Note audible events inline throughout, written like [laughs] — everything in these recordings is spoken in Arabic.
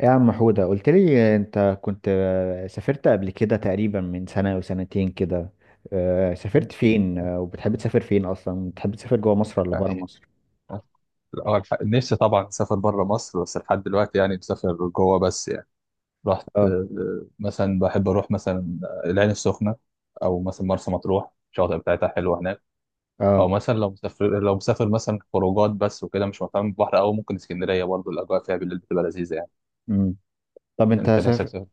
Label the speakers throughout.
Speaker 1: يا عم حودة، قلت لي انت كنت سافرت قبل كده تقريبا من سنة او سنتين كده. سافرت فين؟ وبتحب تسافر فين اصلا؟ بتحب تسافر جوه مصر ولا بره
Speaker 2: يعني
Speaker 1: مصر؟
Speaker 2: اه نفسي طبعا اسافر بره مصر، بس لحد دلوقتي يعني مسافر جوه بس يعني رحت.
Speaker 1: اه،
Speaker 2: مثلا بحب اروح مثلا العين السخنه، او مثلا مرسى مطروح، الشواطئ بتاعتها حلوه هناك. او
Speaker 1: اه.
Speaker 2: مثلا لو مسافر مثلا خروجات بس وكده، مش مهتم بالبحر، او ممكن اسكندريه، برضه الاجواء فيها بالليل بتبقى لذيذه يعني.
Speaker 1: امم طب انت
Speaker 2: انت نفسك
Speaker 1: سافر.
Speaker 2: تسافر؟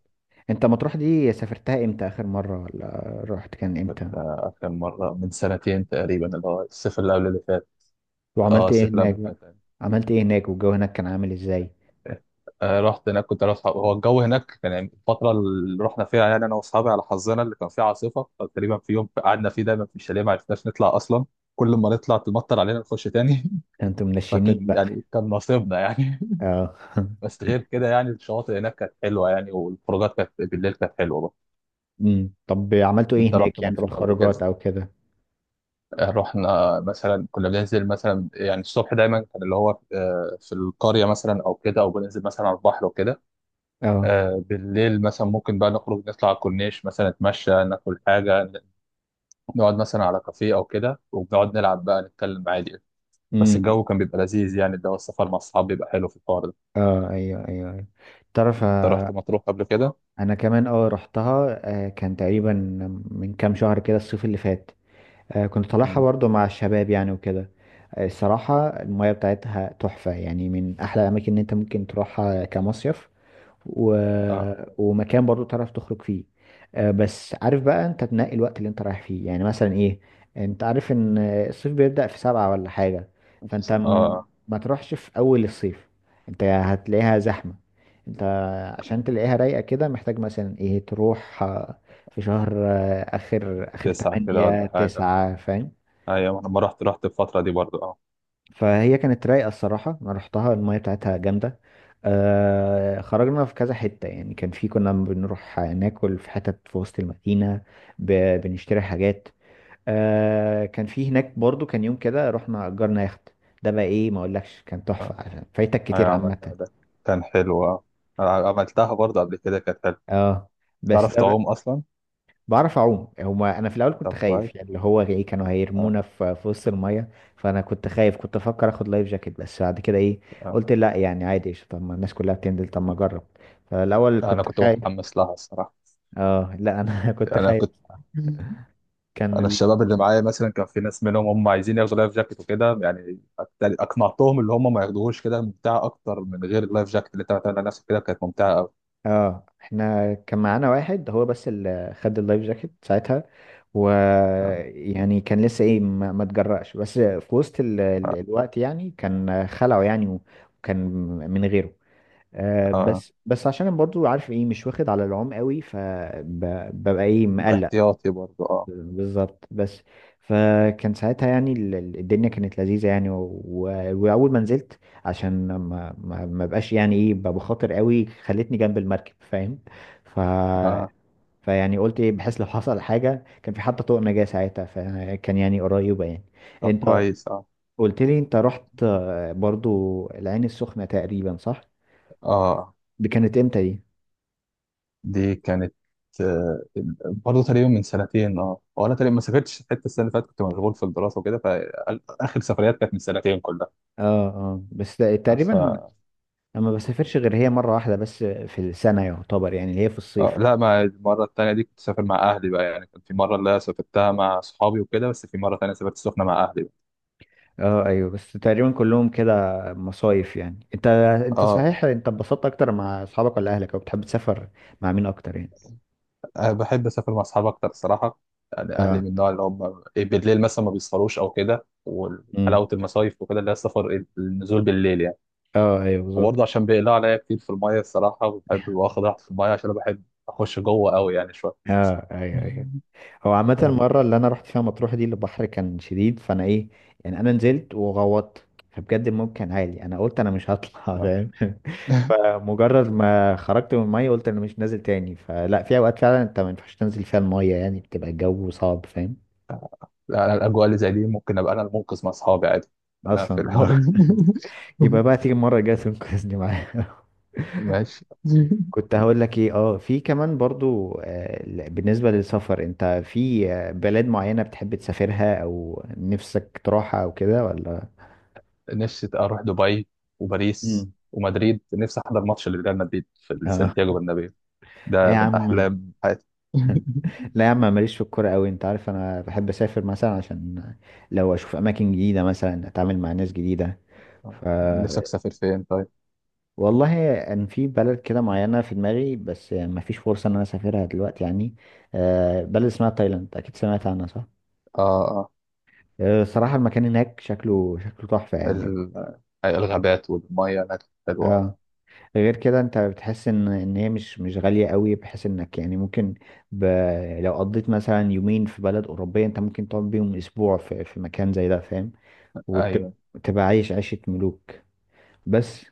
Speaker 1: انت مطروح دي سافرتها امتى؟ اخر مرة، ولا رحت كان امتى؟
Speaker 2: كان مره من سنتين تقريبا، اللي هو الصيف اللي قبل اللي فات. اه
Speaker 1: وعملت ايه
Speaker 2: الصيف اللي
Speaker 1: هناك
Speaker 2: قبل اللي
Speaker 1: بقى؟
Speaker 2: فات.
Speaker 1: عملت ايه هناك والجو هناك كان عامل ازاي؟
Speaker 2: رحت هناك كنت انا واصحابي. هو الجو هناك كان يعني الفتره اللي رحنا فيها، يعني انا واصحابي على حظنا اللي كان فيها عاصفه، فتقريبا في يوم قعدنا فيه دايما في الشاليه، ما عرفناش نطلع اصلا. كل ما نطلع تمطر علينا نخش تاني.
Speaker 1: ده انتوا
Speaker 2: [laughs]
Speaker 1: منشنين
Speaker 2: فكان
Speaker 1: بقى!
Speaker 2: يعني كان نصيبنا يعني.
Speaker 1: اه.
Speaker 2: [laughs]
Speaker 1: [laughs]
Speaker 2: بس غير كده يعني الشواطئ هناك كانت حلوه يعني، والخروجات كانت بالليل كانت حلوه برضه.
Speaker 1: طب عملتوا ايه
Speaker 2: انت رحت
Speaker 1: هناك، يعني في
Speaker 2: مطروح قبل كده؟
Speaker 1: الخروجات او كده؟
Speaker 2: رحنا مثلا كنا بننزل مثلا، يعني الصبح دايما كان اللي هو في القريه مثلا او كده، او بننزل مثلا على البحر وكده.
Speaker 1: اه.
Speaker 2: بالليل مثلا ممكن بقى نخرج نطلع على الكورنيش مثلا، نتمشى، ناكل حاجة، نقعد مثلا على كافيه أو كده، وبنقعد نلعب بقى، نتكلم عادي. بس
Speaker 1: امم
Speaker 2: الجو كان بيبقى لذيذ يعني، ده السفر مع الصحاب بيبقى حلو في الحوار ده.
Speaker 1: اه، ايوه، ايوه، أيوة. تعرف؟
Speaker 2: أنت رحت مطروح قبل كده؟
Speaker 1: انا كمان رحتها. كان تقريبا من كام شهر كده، الصيف اللي فات. كنت طالعها
Speaker 2: مم.
Speaker 1: برضو مع الشباب يعني وكده. الصراحة المياه بتاعتها تحفة، يعني من احلى الاماكن اللي انت ممكن تروحها كمصيف. و...
Speaker 2: اه
Speaker 1: ومكان برضو تعرف تخرج فيه. بس عارف بقى، انت تنقي الوقت اللي انت رايح فيه، يعني مثلا ايه. انت عارف ان الصيف بيبدأ في 7 ولا حاجة؟
Speaker 2: مش
Speaker 1: فانت
Speaker 2: س- اه.
Speaker 1: ما تروحش في اول الصيف. انت هتلاقيها زحمة. انت عشان تلاقيها رايقة كده، محتاج مثلا ايه، تروح في شهر اخر اخر
Speaker 2: تسعة كده
Speaker 1: تمانية
Speaker 2: ولا حاجة.
Speaker 1: تسعة، فاهم؟
Speaker 2: أيوة أنا لما رحت رحت الفترة دي برضو اه.
Speaker 1: فهي كانت رايقة الصراحة، أنا رحتها المية بتاعتها جامدة. خرجنا في كذا حتة، يعني كان في كنا بنروح ناكل في حتت في وسط المدينة. ب... بنشتري حاجات. كان في هناك برضو كان يوم كده رحنا أجرنا يخت. ده بقى إيه! ما أقولكش كان تحفة
Speaker 2: اه
Speaker 1: عشان فايتك كتير
Speaker 2: أيوة
Speaker 1: عامة.
Speaker 2: عملنا ده، كان حلو اه. أنا عملتها برضو قبل كده، كانت حلوة.
Speaker 1: اه. بس
Speaker 2: تعرف
Speaker 1: ده
Speaker 2: تعوم أصلا؟
Speaker 1: بعرف اعوم. هما انا في الاول كنت
Speaker 2: طب كويس
Speaker 1: خايف، يعني اللي هو ايه، كانوا
Speaker 2: اه.
Speaker 1: هيرمونا في وسط الميه. فانا كنت خايف، كنت افكر اخد لايف جاكيت، بس بعد كده ايه؟
Speaker 2: اه
Speaker 1: قلت لا، يعني عادي، قشطة. طب ما الناس كلها بتنزل، طب ما اجرب. فالاول
Speaker 2: أنا
Speaker 1: كنت
Speaker 2: كنت
Speaker 1: خايف.
Speaker 2: متحمس لها الصراحة.
Speaker 1: اه، لا، انا [laughs] كنت
Speaker 2: أنا
Speaker 1: خايف.
Speaker 2: كنت
Speaker 1: كان
Speaker 2: انا
Speaker 1: ال...
Speaker 2: الشباب اللي معايا مثلا كان في ناس منهم هم عايزين ياخدوا لايف جاكيت وكده، يعني اقنعتهم اللي هم ما ياخدوهوش، كده ممتعه اكتر من غير اللايف جاكيت، اللي انت بتعمل على نفسك كده كانت ممتعه قوي.
Speaker 1: اه. احنا كان معانا واحد هو بس اللي خد اللايف جاكيت ساعتها. و
Speaker 2: آه.
Speaker 1: يعني كان لسه ايه، ما تجرأش، بس في وسط
Speaker 2: آه.
Speaker 1: الوقت يعني كان خلعه يعني. وكان من غيره.
Speaker 2: آه.
Speaker 1: بس عشان أنا برضو عارف، ايه، مش واخد على العوم قوي، فببقى ايه مقلق.
Speaker 2: احتياطي برضو اه.
Speaker 1: بالظبط. بس فكان ساعتها يعني، الدنيا كانت لذيذة يعني، واول ما نزلت عشان ما بقاش يعني ايه، بخاطر قوي خلتني جنب المركب، فاهم؟ ف
Speaker 2: اه
Speaker 1: فيعني قلت ايه، بحيث لو حصل حاجة كان في حتى طوق نجاة، ساعتها فكان يعني قريبة يعني.
Speaker 2: طب
Speaker 1: انت
Speaker 2: كويس اه
Speaker 1: قلت لي انت رحت برضو العين السخنة تقريبا، صح؟
Speaker 2: اه.
Speaker 1: دي كانت امتى دي؟
Speaker 2: دي كانت آه. برضه تقريبا من سنتين اه، وانا تقريبا ما سافرتش، حتى السنه اللي فاتت كنت مشغول في الدراسه وكده، فاخر سفريات كانت من سنتين
Speaker 1: اه، اه. بس تقريبا،
Speaker 2: كلها.
Speaker 1: انا ما بسافرش غير هي مرة واحدة بس في السنة، يعتبر، يعني اللي هي في الصيف.
Speaker 2: لا ما المرة التانية دي كنت سافر مع أهلي بقى يعني، كان في مرة اللي أنا سافرتها مع أصحابي وكده، بس في مرة تانية سافرت السخنة مع أهلي بقى.
Speaker 1: اه، ايوه. بس تقريبا كلهم كده مصايف يعني. انت
Speaker 2: اه
Speaker 1: صحيح، انت اتبسطت اكتر مع اصحابك ولا اهلك، او بتحب تسافر مع مين اكتر يعني؟
Speaker 2: أنا بحب أسافر مع أصحابي أكتر الصراحة. يعني أهلي
Speaker 1: اه.
Speaker 2: من النوع اللي هم إيه، بالليل مثلا ما بيسهروش أو كده،
Speaker 1: امم
Speaker 2: وحلاوة المصايف وكده اللي هي السفر النزول بالليل يعني.
Speaker 1: اه، ايوه، بالظبط.
Speaker 2: وبرضه عشان بيقلقوا عليا كتير في المية الصراحة، وبحب واخد راحتي في المية، عشان أنا بحب أخش جوه أوي يعني شوية.
Speaker 1: اه، ايوه، ايوه. هو عامة
Speaker 2: [laughs]
Speaker 1: المرة اللي أنا رحت فيها مطروح دي البحر كان شديد، فأنا إيه، يعني أنا نزلت وغوطت، فبجد الموج كان عالي، أنا قلت أنا مش هطلع [laughs]
Speaker 2: آه.
Speaker 1: فاهم؟ فمجرد ما خرجت من المية قلت أنا مش نازل تاني. فلا، في أوقات فعلا أنت ما ينفعش تنزل فيها المية، يعني بتبقى الجو صعب، فاهم؟
Speaker 2: لا أنا الأجواء اللي زي دي ممكن أبقى أنا المنقذ مع أصحابي عادي. أنا في
Speaker 1: أصلا. آه.
Speaker 2: الحوار.
Speaker 1: [laughs]
Speaker 2: [laughs]
Speaker 1: يبقى بقى تيجي المرة الجاية تنقذني معايا. [laughs]
Speaker 2: ماشي. [laughs]
Speaker 1: كنت هقول لك إيه، في كمان برضو بالنسبة للسفر، أنت في بلاد معينة بتحب تسافرها أو نفسك تروحها أو كده، ولا؟
Speaker 2: نفسي اروح دبي وباريس
Speaker 1: مم.
Speaker 2: ومدريد، نفسي احضر ماتش لريال مدريد
Speaker 1: [laughs]
Speaker 2: في
Speaker 1: آه.
Speaker 2: سانتياغو برنابيو.
Speaker 1: اي
Speaker 2: ده
Speaker 1: يا
Speaker 2: من
Speaker 1: عم.
Speaker 2: احلام حياتي. [laughs]
Speaker 1: لا يا عم، ماليش في الكوره قوي. انت عارف انا بحب اسافر مثلا عشان لو اشوف اماكن جديده، مثلا اتعامل مع ناس جديده.
Speaker 2: آه.
Speaker 1: ف
Speaker 2: نفسك تسافر فين طيب؟
Speaker 1: والله ان في بلد كده معينه في دماغي، بس ما فيش فرصه ان انا اسافرها دلوقتي يعني. بلد اسمها تايلاند، اكيد سمعت عنها، صح؟
Speaker 2: اه اه.
Speaker 1: صراحه المكان هناك شكله تحفه يعني.
Speaker 2: ال- الغابات والميه هناك حلوه.
Speaker 1: اه. غير كده انت بتحس ان هي مش غاليه قوي، بحيث انك يعني ممكن ب... لو قضيت مثلا يومين في بلد اوروبيه، انت ممكن تقعد بيهم اسبوع في مكان زي ده، فاهم؟
Speaker 2: ايوه.
Speaker 1: وتبقى عايش عيشه ملوك. بس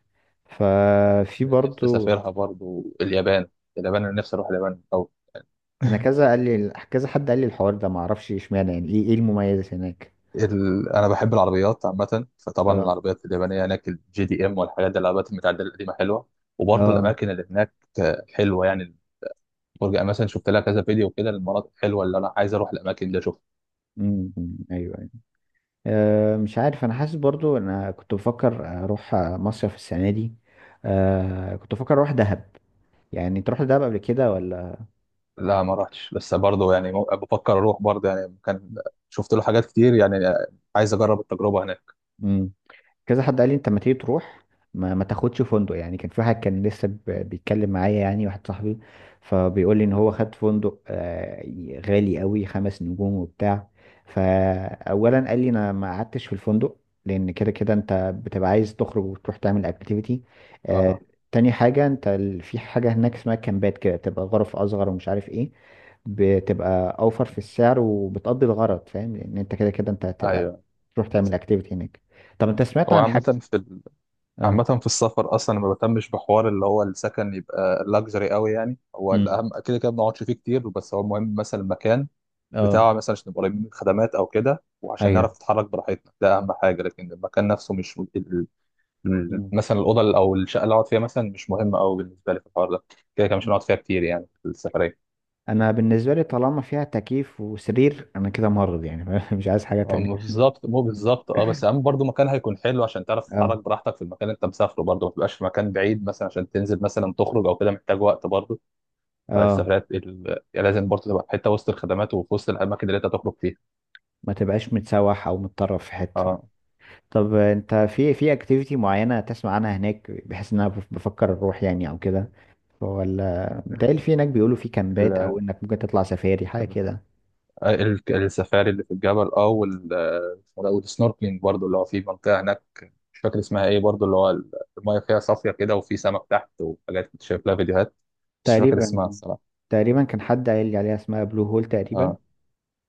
Speaker 1: ففي
Speaker 2: نفسي
Speaker 1: برضو.
Speaker 2: اسافرها برضو اليابان. اليابان انا نفسي اروح اليابان، او
Speaker 1: انا كذا حد قال لي الحوار ده، ما اعرفش اشمعنى يعني، ايه المميز هناك؟
Speaker 2: انا بحب العربيات عامه، فطبعا
Speaker 1: اه،
Speaker 2: العربيات اليابانيه هناك، الجي دي ام والحاجات دي، العربيات المتعدله القديمه حلوه. وبرضو
Speaker 1: اه.
Speaker 2: الاماكن اللي هناك حلوه يعني، وارجع مثلا شفت لها كذا فيديو كده، المناطق حلوه اللي انا عايز اروح الاماكن دي اشوفها.
Speaker 1: امم، ايوه، ايوه. مش عارف. انا حاسس برضو انا كنت بفكر اروح مصيف السنه دي. كنت بفكر اروح دهب. يعني تروح لدهب قبل كده ولا؟
Speaker 2: لا ما رحتش بس برضه يعني، بفكر اروح برضه يعني، كان شفت له حاجات كتير يعني، عايز اجرب التجربه هناك.
Speaker 1: مم. كذا حد قال لي انت ما تيجي تروح، ما تاخدش فندق، يعني كان في واحد كان لسه بيتكلم معايا، يعني واحد صاحبي. فبيقول لي ان هو
Speaker 2: اه
Speaker 1: خد فندق غالي قوي، 5 نجوم وبتاع. فاولا قال لي انا ما قعدتش في الفندق، لان كده كده انت بتبقى عايز تخرج وتروح تعمل اكتيفيتي.
Speaker 2: آه،
Speaker 1: تاني حاجة انت في حاجة هناك اسمها كامبات كده، تبقى غرف اصغر ومش عارف ايه، بتبقى اوفر في السعر وبتقضي الغرض، فاهم؟ لان انت كده كده انت هتبقى
Speaker 2: ايوه.
Speaker 1: تروح تعمل اكتيفيتي هناك. طب انت سمعت
Speaker 2: هو
Speaker 1: عن
Speaker 2: عامة
Speaker 1: حاجة؟ اه.
Speaker 2: عامة في السفر اصلا ما بهتمش بحوار اللي هو السكن يبقى لاكجري قوي يعني، هو
Speaker 1: امم
Speaker 2: الاهم كده كده ما بنقعدش فيه كتير، بس هو المهم مثلا المكان
Speaker 1: اه،
Speaker 2: بتاعه مثلا، عشان نبقى قريبين من الخدمات او كده، وعشان نعرف
Speaker 1: ايوه.
Speaker 2: نتحرك براحتنا، ده اهم حاجه. لكن المكان نفسه مش
Speaker 1: مم.
Speaker 2: مثلا الاوضه او الشقه اللي اقعد فيها مثلا مش مهمه قوي بالنسبه لي في الحوار ده، كده كده مش هنقعد فيها كتير يعني في السفريه.
Speaker 1: انا بالنسبة لي، طالما فيها تكييف وسرير، انا كده مرض يعني [laughs] مش عايز حاجة
Speaker 2: أم-
Speaker 1: تانية.
Speaker 2: بالظبط بالظبط اه، بس اهم برضو مكان هيكون حلو عشان تعرف تتحرك
Speaker 1: اه،
Speaker 2: براحتك في المكان اللي انت مسافره، برضو ما تبقاش في مكان بعيد مثلا عشان تنزل مثلا تخرج او كده، محتاج وقت برضو.
Speaker 1: اه.
Speaker 2: فالسفريات لازم برضو تبقى في حته وسط الخدمات، وفي وسط الاماكن اللي انت تخرج فيها.
Speaker 1: ما تبقاش متسوح او متطرف في حتة.
Speaker 2: اه
Speaker 1: طب انت في اكتيفيتي معينة تسمع عنها هناك، بحيث ان انا بفكر اروح يعني او كده، ولا متهيألي في هناك بيقولوا في كامبات،
Speaker 2: ال...
Speaker 1: او انك ممكن تطلع سفاري حاجة كده؟
Speaker 2: السفاري اللي في الجبل اه، والسنوركلينج برضو اللي هو في منطقه هناك، مش فاكر اسمها ايه برضو، اللي هو المايه فيها صافيه كده، وفي سمك تحت وحاجات كنت شايف لها فيديوهات، بس مش فاكر
Speaker 1: تقريبا
Speaker 2: اسمها الصراحه.
Speaker 1: تقريبا كان حد قايل لي عليها، اسمها بلو هول تقريبا.
Speaker 2: اه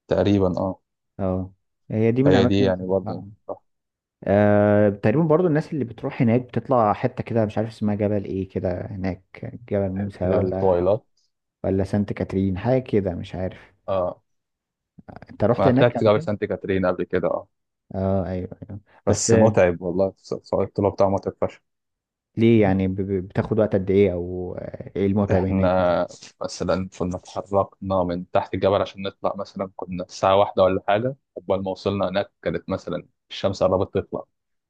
Speaker 2: تقريبا اه.
Speaker 1: اه. هي دي من
Speaker 2: فهي دي
Speaker 1: اماكن.
Speaker 2: يعني برضو
Speaker 1: تقريبا برضو الناس اللي بتروح هناك بتطلع حتة كده، مش عارف اسمها جبل ايه كده هناك. جبل موسى،
Speaker 2: تقريبا
Speaker 1: ولا
Speaker 2: الطويلات.
Speaker 1: ولا سانت كاترين، حاجة كده، مش عارف.
Speaker 2: اه
Speaker 1: انت رحت
Speaker 2: ما
Speaker 1: هناك
Speaker 2: طلعت
Speaker 1: قبل
Speaker 2: جبل
Speaker 1: كده؟
Speaker 2: سانت كاترين قبل كده اه.
Speaker 1: اه، ايوه، ايوه. بس
Speaker 2: بس متعب والله، صعود الطلوع بتاعه متعب فشخ.
Speaker 1: ليه يعني، بتاخد وقت قد ايه، او ايه المتعب هناك يعني؟
Speaker 2: احنا مثلا كنا اتحركنا من تحت الجبل عشان نطلع، مثلا كنا الساعة واحدة ولا حاجة، قبل ما وصلنا هناك كانت مثلا الشمس قربت تطلع.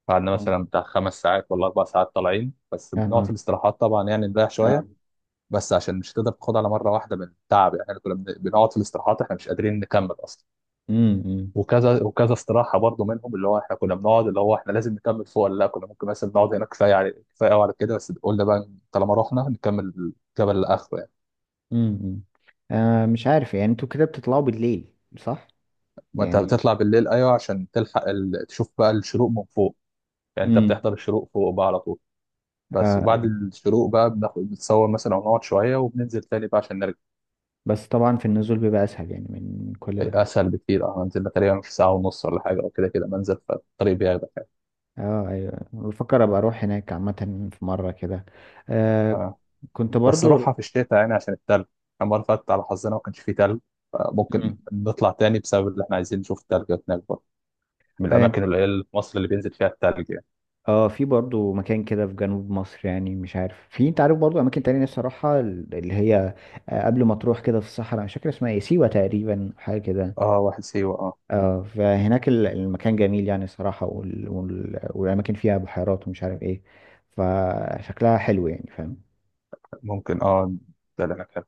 Speaker 2: قعدنا
Speaker 1: آه.
Speaker 2: مثلا بتاع 5 ساعات ولا 4 ساعات طالعين، بس
Speaker 1: يا
Speaker 2: بنقعد في
Speaker 1: نهار!
Speaker 2: الاستراحات طبعا يعني نريح شويه.
Speaker 1: اه.
Speaker 2: بس عشان مش هتقدر تاخد على مره واحده من التعب يعني، احنا كنا بنقعد في الاستراحات، احنا مش قادرين نكمل اصلا.
Speaker 1: امم
Speaker 2: وكذا وكذا استراحه برضو منهم، اللي هو احنا كنا بنقعد اللي هو احنا لازم نكمل فوق ولا لا، كنا ممكن مثلا نقعد هنا كفايه، على كفايه قوي على كده، بس قلنا بقى طالما رحنا نكمل الجبل لاخره يعني.
Speaker 1: امم مش عارف يعني، انتوا كده بتطلعوا بالليل صح؟
Speaker 2: ما انت
Speaker 1: يعني.
Speaker 2: بتطلع بالليل، ايوه عشان تلحق تشوف بقى الشروق من فوق يعني، انت
Speaker 1: امم
Speaker 2: بتحضر الشروق فوق بقى على طول. بس وبعد
Speaker 1: آه
Speaker 2: الشروق بقى، بناخد بنتصور مثلا ونقعد شويه، وبننزل تاني بقى عشان نرجع.
Speaker 1: بس طبعا في النزول بيبقى اسهل يعني من كل ده.
Speaker 2: اسهل بكتير اه، هنزل لها تقريبا في ساعه ونص ولا حاجه او كده، كده منزل، فالطريق بياخدك يعني.
Speaker 1: اه، ايوه. بفكر ابقى اروح هناك عامة في مرة كده. آه
Speaker 2: آه.
Speaker 1: كنت
Speaker 2: بس
Speaker 1: برضو.
Speaker 2: روحها في الشتاء يعني عشان التلج، المره اللي فاتت على حظنا ما كانش فيه تلج، ممكن
Speaker 1: مم.
Speaker 2: نطلع تاني بسبب اللي احنا عايزين نشوف التلج هناك برضه، من
Speaker 1: اه.
Speaker 2: الاماكن القليله في مصر اللي بينزل فيها التلج يعني.
Speaker 1: في برضو مكان كده في جنوب مصر، يعني مش عارف. انت عارف برضو اماكن تانية نفسي اروحها، اللي هي قبل ما تروح كده في الصحراء، مش فاكر اسمها ايه، سيوة تقريبا حاجة كده.
Speaker 2: اه واحد سيوه اه.
Speaker 1: اه. فهناك المكان جميل يعني صراحة، والاماكن فيها بحيرات ومش عارف ايه، فشكلها حلو يعني، فاهم؟
Speaker 2: ممكن اه، ده اللي انا كان.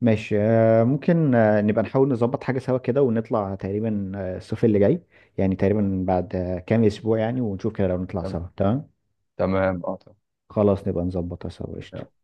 Speaker 1: ماشي. ممكن نبقى نحاول نظبط حاجة سوا كده ونطلع تقريبا الصيف اللي جاي، يعني تقريبا بعد كام أسبوع، يعني ونشوف كده لو نطلع
Speaker 2: تمام.
Speaker 1: سوا، تمام؟
Speaker 2: تمام، اه تمام.
Speaker 1: خلاص، نبقى نظبطها سوا، قشطة.